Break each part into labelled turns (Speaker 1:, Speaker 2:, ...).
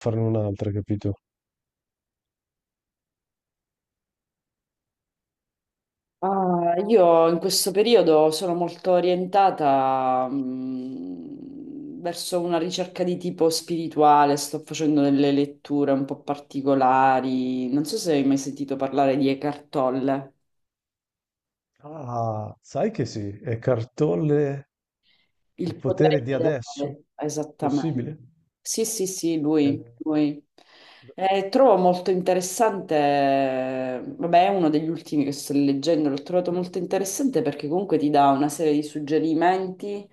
Speaker 1: Farne un'altra, capito?
Speaker 2: Ah, io in questo periodo sono molto orientata, verso una ricerca di tipo spirituale, sto facendo delle letture un po' particolari. Non so se hai mai sentito parlare di Eckhart Tolle.
Speaker 1: Ah, sai che sì, è Cartolle il
Speaker 2: Il
Speaker 1: potere
Speaker 2: potere
Speaker 1: di adesso?
Speaker 2: ideale, esattamente.
Speaker 1: Possibile?
Speaker 2: Sì, sì, sì, lui,
Speaker 1: Eh,
Speaker 2: lui.
Speaker 1: d-
Speaker 2: Trovo molto interessante, vabbè, è uno degli ultimi che sto leggendo, l'ho trovato molto interessante perché comunque ti dà una serie di suggerimenti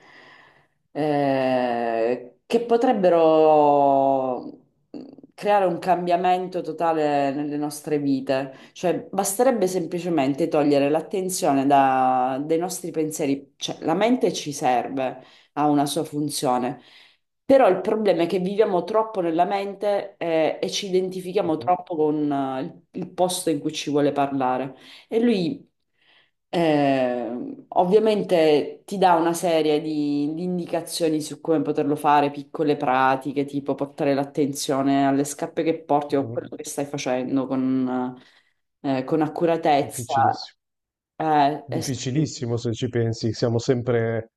Speaker 2: che potrebbero mm, creare un cambiamento totale nelle nostre vite. Cioè, basterebbe semplicemente togliere l'attenzione dai nostri pensieri, cioè la mente ci serve, ha una sua funzione. Però il problema è che viviamo troppo nella mente, e ci identifichiamo
Speaker 1: mhm,
Speaker 2: troppo con il posto in cui ci vuole parlare. E lui ovviamente ti dà una serie di indicazioni su come poterlo fare, piccole pratiche, tipo portare l'attenzione alle scarpe che porti o a
Speaker 1: mhm.
Speaker 2: quello che stai facendo con accuratezza.
Speaker 1: Difficilissimo.
Speaker 2: Eh sì,
Speaker 1: Difficilissimo se ci pensi, siamo sempre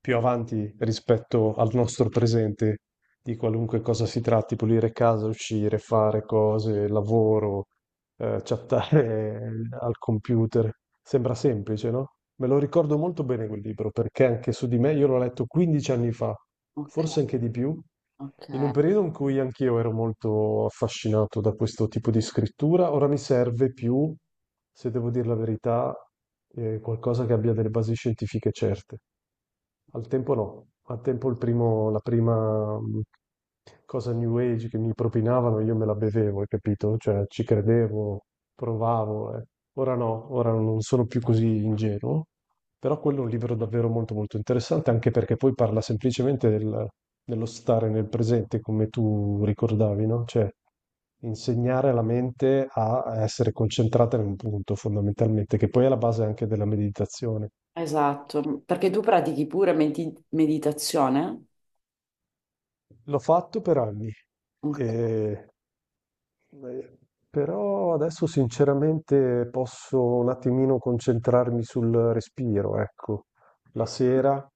Speaker 1: più avanti rispetto al nostro presente, di qualunque cosa si tratti, pulire casa, uscire, fare cose, lavoro, chattare al computer. Sembra semplice, no? Me lo ricordo molto bene quel libro, perché anche su di me io l'ho letto 15 anni fa,
Speaker 2: ok,
Speaker 1: forse anche di più, in un
Speaker 2: ok.
Speaker 1: periodo in cui anch'io ero molto affascinato da questo tipo di scrittura. Ora mi serve più, se devo dire la verità, qualcosa che abbia delle basi scientifiche certe. Al tempo no, al tempo la prima cosa New Age che mi propinavano io me la bevevo, hai capito? Cioè ci credevo, provavo. Ora no, ora non sono più così ingenuo, però quello è un libro davvero molto molto interessante anche perché poi parla semplicemente dello stare nel presente come tu ricordavi, no? Cioè insegnare alla mente a essere concentrata in un punto fondamentalmente, che poi è la base anche della meditazione.
Speaker 2: Esatto, perché tu pratichi pure meditazione?
Speaker 1: L'ho fatto per anni,
Speaker 2: Ok.
Speaker 1: e- eh, però adesso sinceramente posso un attimino concentrarmi sul respiro, ecco. La sera,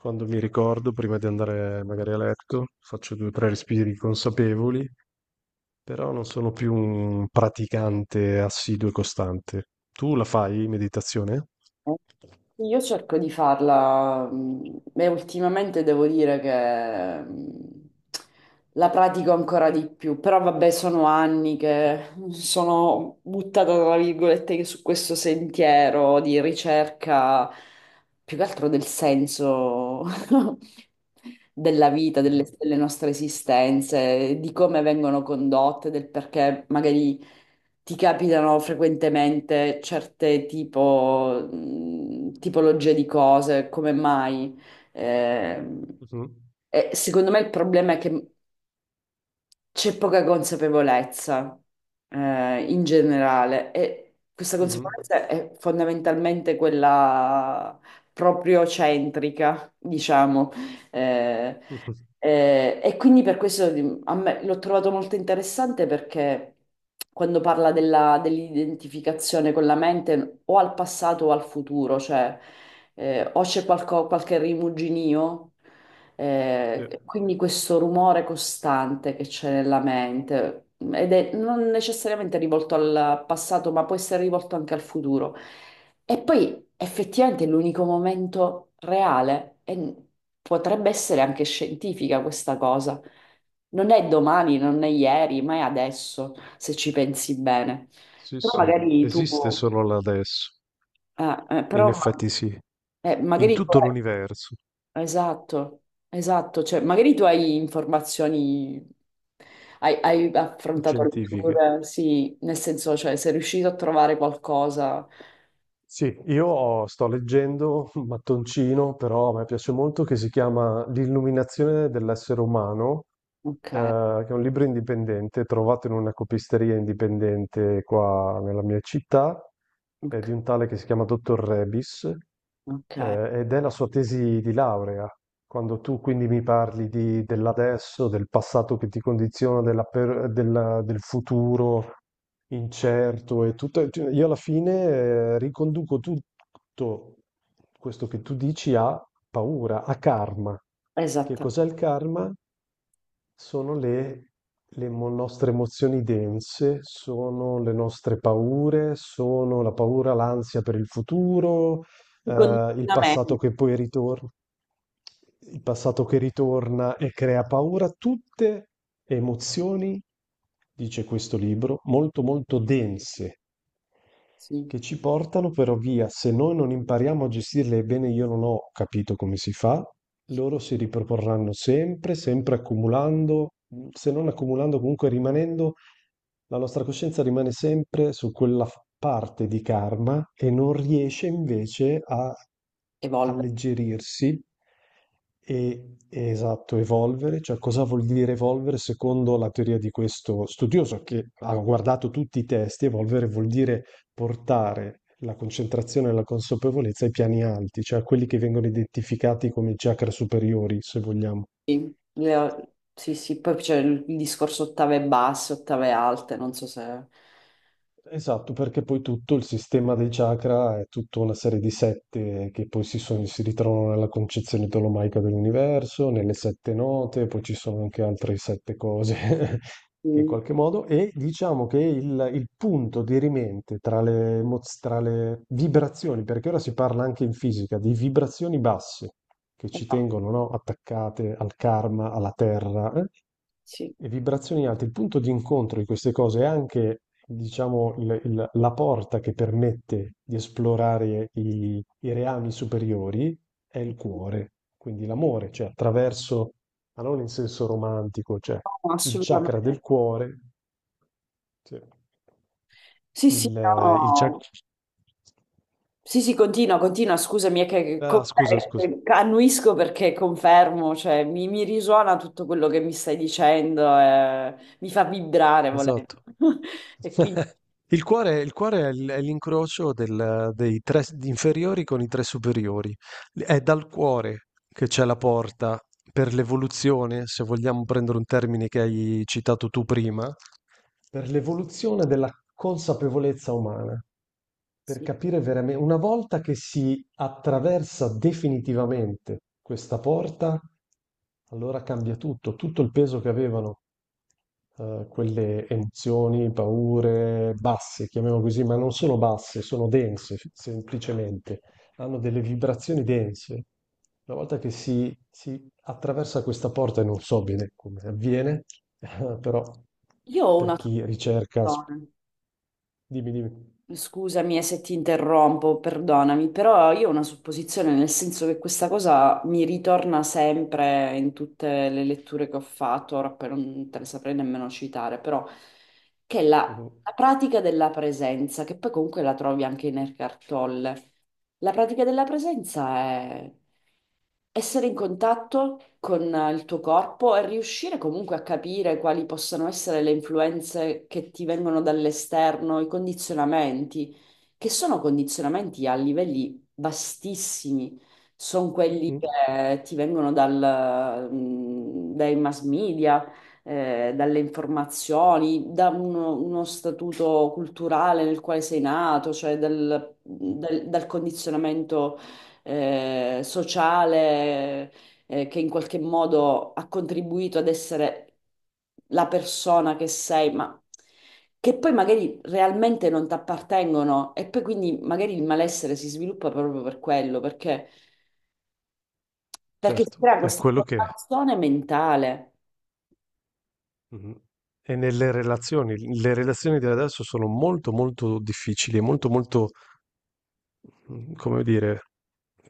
Speaker 1: quando mi ricordo, prima di andare magari a letto, faccio due o tre respiri consapevoli però non sono più un praticante assiduo e costante. Tu la fai meditazione?
Speaker 2: Io cerco di farla, e ultimamente devo dire che la pratico ancora di più, però vabbè sono anni che sono buttata tra virgolette su questo sentiero di ricerca più che altro del senso della vita,
Speaker 1: Mhm,
Speaker 2: delle nostre esistenze, di come vengono condotte, del perché magari ti capitano frequentemente certe tipo, tipologie di cose, come mai. Eh,
Speaker 1: mhm,
Speaker 2: e secondo me il problema è che c'è poca consapevolezza in generale, e questa
Speaker 1: mhm, mhm.
Speaker 2: consapevolezza è fondamentalmente quella proprio centrica, diciamo. Eh, e quindi per questo a me l'ho trovato molto interessante perché quando parla dell'identificazione con la mente o al passato o al futuro, cioè o c'è qualche rimuginio.
Speaker 1: Sì,
Speaker 2: Quindi questo rumore costante che c'è nella mente, ed è non necessariamente rivolto al passato, ma può essere rivolto anche al futuro. E poi effettivamente è l'unico momento reale, e potrebbe essere anche scientifica questa cosa. Non è domani, non è ieri, ma è adesso, se ci pensi bene.
Speaker 1: sì,
Speaker 2: Però
Speaker 1: sì,
Speaker 2: magari tu,
Speaker 1: esiste solo là adesso. In
Speaker 2: però,
Speaker 1: effetti sì, in
Speaker 2: magari tu,
Speaker 1: tutto l'universo.
Speaker 2: esatto, esatto, cioè magari tu hai informazioni, hai affrontato
Speaker 1: Scientifiche.
Speaker 2: letture, sì, nel senso, cioè sei riuscito a trovare qualcosa.
Speaker 1: Sì, io sto leggendo un mattoncino, però a me piace molto, che si chiama L'illuminazione dell'essere umano,
Speaker 2: Ok,
Speaker 1: eh, che è un libro indipendente, trovato in una copisteria indipendente qua nella mia città, è di
Speaker 2: ok,
Speaker 1: un tale che si chiama Dottor Rebis,
Speaker 2: ok,
Speaker 1: ed è la sua tesi di laurea. Quando tu quindi mi parli di- dell'adesso, del passato che ti condiziona, del futuro, incerto e tutto. Cioè, io alla fine riconduco tutto questo che tu dici a paura, a karma. Che
Speaker 2: esattamente.
Speaker 1: cos'è il karma? Sono le nostre emozioni dense, sono le nostre paure, sono la paura, l'ansia per il futuro,
Speaker 2: Il
Speaker 1: il passato
Speaker 2: condizionamento,
Speaker 1: che poi ritorna, il passato che ritorna e crea paura, tutte emozioni, dice questo libro, molto molto dense
Speaker 2: sì,
Speaker 1: che ci portano però via, se noi non impariamo a gestirle, bene io non ho capito come si fa, loro si riproporranno sempre, sempre accumulando, se non accumulando comunque rimanendo, la nostra coscienza rimane sempre su quella parte di karma e non riesce invece a
Speaker 2: evolve,
Speaker 1: alleggerirsi e esatto, evolvere, cioè cosa vuol dire evolvere secondo la teoria di questo studioso che ha guardato tutti i testi, evolvere vuol dire portare la concentrazione e la consapevolezza ai piani alti, cioè a quelli che vengono identificati come chakra superiori, se vogliamo.
Speaker 2: sì, sì, sì, poi c'è il discorso ottave basse, ottave alte, non so se...
Speaker 1: Esatto, perché poi tutto il sistema dei chakra è tutta una serie di sette che poi si, si ritrovano nella concezione tolomaica dell'universo, nelle sette note, poi ci sono anche altre sette cose che in
Speaker 2: Mm,
Speaker 1: qualche modo, e diciamo che il punto dirimente tra tra le vibrazioni, perché ora si parla anche in fisica di vibrazioni basse che ci
Speaker 2: esatto,
Speaker 1: tengono, no, attaccate al karma, alla terra, eh?
Speaker 2: sì.
Speaker 1: E vibrazioni alte, il punto di incontro di queste cose è anche, diciamo, la porta che permette di esplorare i reami superiori è il cuore, quindi l'amore, cioè attraverso, ma non in senso romantico, cioè
Speaker 2: No,
Speaker 1: il chakra
Speaker 2: assolutamente.
Speaker 1: del cuore, cioè,
Speaker 2: Sì, sì,
Speaker 1: il
Speaker 2: no.
Speaker 1: chakra...
Speaker 2: Sì, sì, continua, continua, scusami, è che
Speaker 1: Ah, scusa, scusa.
Speaker 2: annuisco perché confermo, cioè mi risuona tutto quello che mi stai dicendo, mi fa vibrare volendo.
Speaker 1: Esatto.
Speaker 2: E quindi
Speaker 1: Il cuore è l'incrocio del dei 3 s inferiori con i 3 superiori. L È dal cuore che c'è la porta per l'evoluzione, se vogliamo prendere un termine che hai citato tu prima, per l'evoluzione della consapevolezza umana, per
Speaker 2: sì.
Speaker 1: capire veramen una volta che si attraversa definitivamente questa porta, allora cambia tutto, tutto il peso che avevano quelle emozioni, paure basse, chiamiamo così, ma non sono basse, sono dense, semplicemente, hanno delle vibrazioni dense. Una volta che si attraversa questa porta, e non so bene come avviene, però
Speaker 2: Io ho
Speaker 1: per
Speaker 2: una
Speaker 1: chi ricerca,
Speaker 2: soluzione.
Speaker 1: dimmi, dimmi.
Speaker 2: Scusami, se ti interrompo, perdonami, però io ho una supposizione, nel senso che questa cosa mi ritorna sempre in tutte le letture che ho fatto, ora poi non te le saprei nemmeno citare, però che è la,
Speaker 1: Mhm.
Speaker 2: la pratica della presenza, che poi comunque la trovi anche in Eckhart Tolle, la pratica della presenza è essere in contatto con il tuo corpo e riuscire comunque a capire quali possano essere le influenze che ti vengono dall'esterno, i condizionamenti, che sono condizionamenti a livelli vastissimi, sono quelli
Speaker 1: Mhm.
Speaker 2: che ti vengono dal, dai mass media, dalle informazioni, da uno statuto culturale nel quale sei nato, cioè dal dal condizionamento sociale, che in qualche modo ha contribuito ad essere la persona che sei, ma che poi magari realmente non ti appartengono e poi quindi magari il malessere si sviluppa proprio per quello, perché, perché si
Speaker 1: Certo,
Speaker 2: crea
Speaker 1: è
Speaker 2: questa
Speaker 1: quello che
Speaker 2: formazione mentale.
Speaker 1: Mhm. è nelle relazioni. Le relazioni di adesso sono molto molto difficili, molto molto, come dire,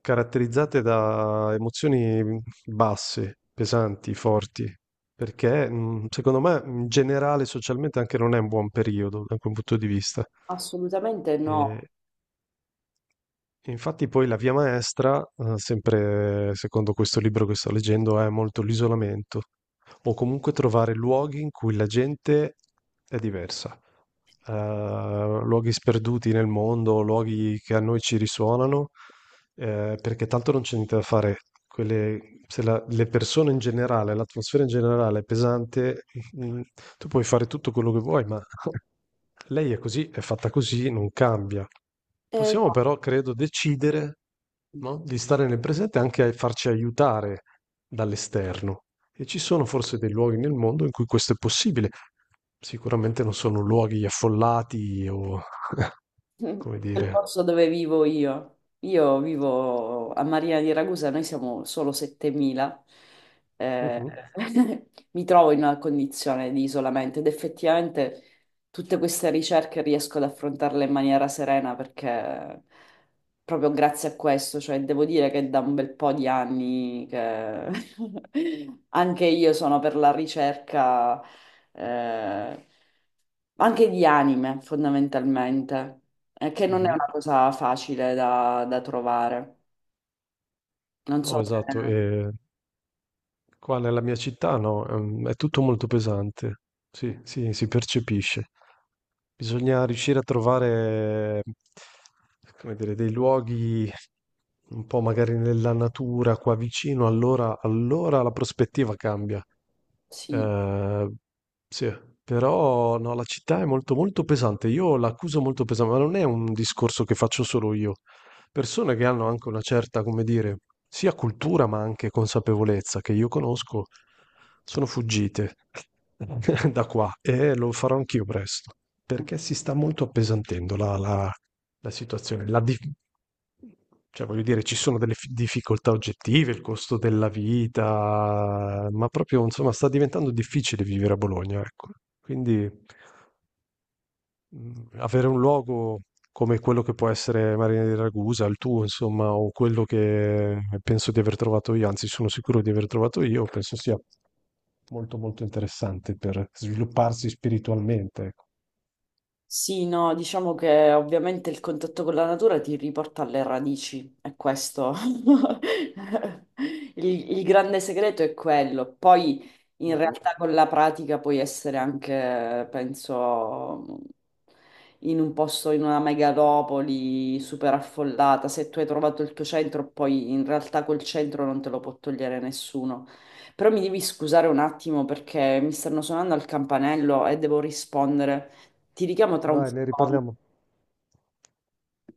Speaker 1: caratterizzate da emozioni basse, pesanti, forti, perché secondo me in generale socialmente anche non è un buon periodo da quel punto di vista.
Speaker 2: Assolutamente no.
Speaker 1: E infatti poi la via maestra, sempre secondo questo libro che sto leggendo, è molto l'isolamento, o comunque trovare luoghi in cui la gente è diversa. Eh, luoghi sperduti nel mondo, luoghi che a noi ci risuonano, perché tanto non c'è niente da fare. Quelle- se la- le persone in generale, l'atmosfera in generale è pesante, mm, tu puoi fare tutto quello che vuoi, ma lei è così, è fatta così, non cambia.
Speaker 2: Eh,
Speaker 1: Possiamo però, credo, decidere,
Speaker 2: no.
Speaker 1: no, di stare nel presente e anche a farci aiutare dall'esterno. E ci sono forse dei luoghi nel mondo in cui questo è possibile. Sicuramente non sono luoghi affollati o, come
Speaker 2: Quel
Speaker 1: dire...
Speaker 2: posto dove vivo io. Io vivo a Marina di Ragusa, noi siamo solo 7.000. Eh,
Speaker 1: Mhm,
Speaker 2: mi trovo in una condizione di isolamento ed effettivamente tutte queste ricerche riesco ad affrontarle in maniera serena perché proprio grazie a questo, cioè devo dire che da un bel po' di anni che anche io sono per la ricerca, eh, anche di anime fondamentalmente, che non è
Speaker 1: mhm.
Speaker 2: una cosa facile da, da trovare. Non so
Speaker 1: No,
Speaker 2: se...
Speaker 1: esatto. E qua nella mia città, no, è tutto molto pesante. Sì, sì, si percepisce. Bisogna riuscire a trovare, come dire, dei luoghi un po' magari nella natura, qua vicino, allora, allora la prospettiva cambia.
Speaker 2: Sì.
Speaker 1: Ehm, sì, però no, la città è molto molto pesante. Io l'accuso molto pesante, ma non è un discorso che faccio solo io. Persone che hanno anche una certa, come dire, sia cultura ma anche consapevolezza che io conosco, sono fuggite da qua e lo farò anch'io presto, perché si sta molto appesantendo la situazione. Cioè, voglio dire, ci sono delle difficoltà oggettive, il costo della vita, ma proprio, insomma, sta diventando difficile vivere a Bologna, ecco. Quindi avere un luogo come quello che può essere Marina di Ragusa, il tuo, insomma, o quello che penso di aver trovato io, anzi sono sicuro di aver trovato io, penso sia molto molto interessante per svilupparsi spiritualmente, ecco.
Speaker 2: Sì, no, diciamo che ovviamente il contatto con la natura ti riporta alle radici, è questo. Il grande segreto è quello. Poi in
Speaker 1: Mhm.
Speaker 2: realtà con la pratica puoi essere anche, penso, in un posto, in una megalopoli super affollata. Se tu hai trovato il tuo centro, poi in realtà quel centro non te lo può togliere nessuno. Però mi devi scusare un attimo perché mi stanno suonando al campanello e devo rispondere. Ti richiamo tra un
Speaker 1: Vai, ne
Speaker 2: secondo.
Speaker 1: riparliamo.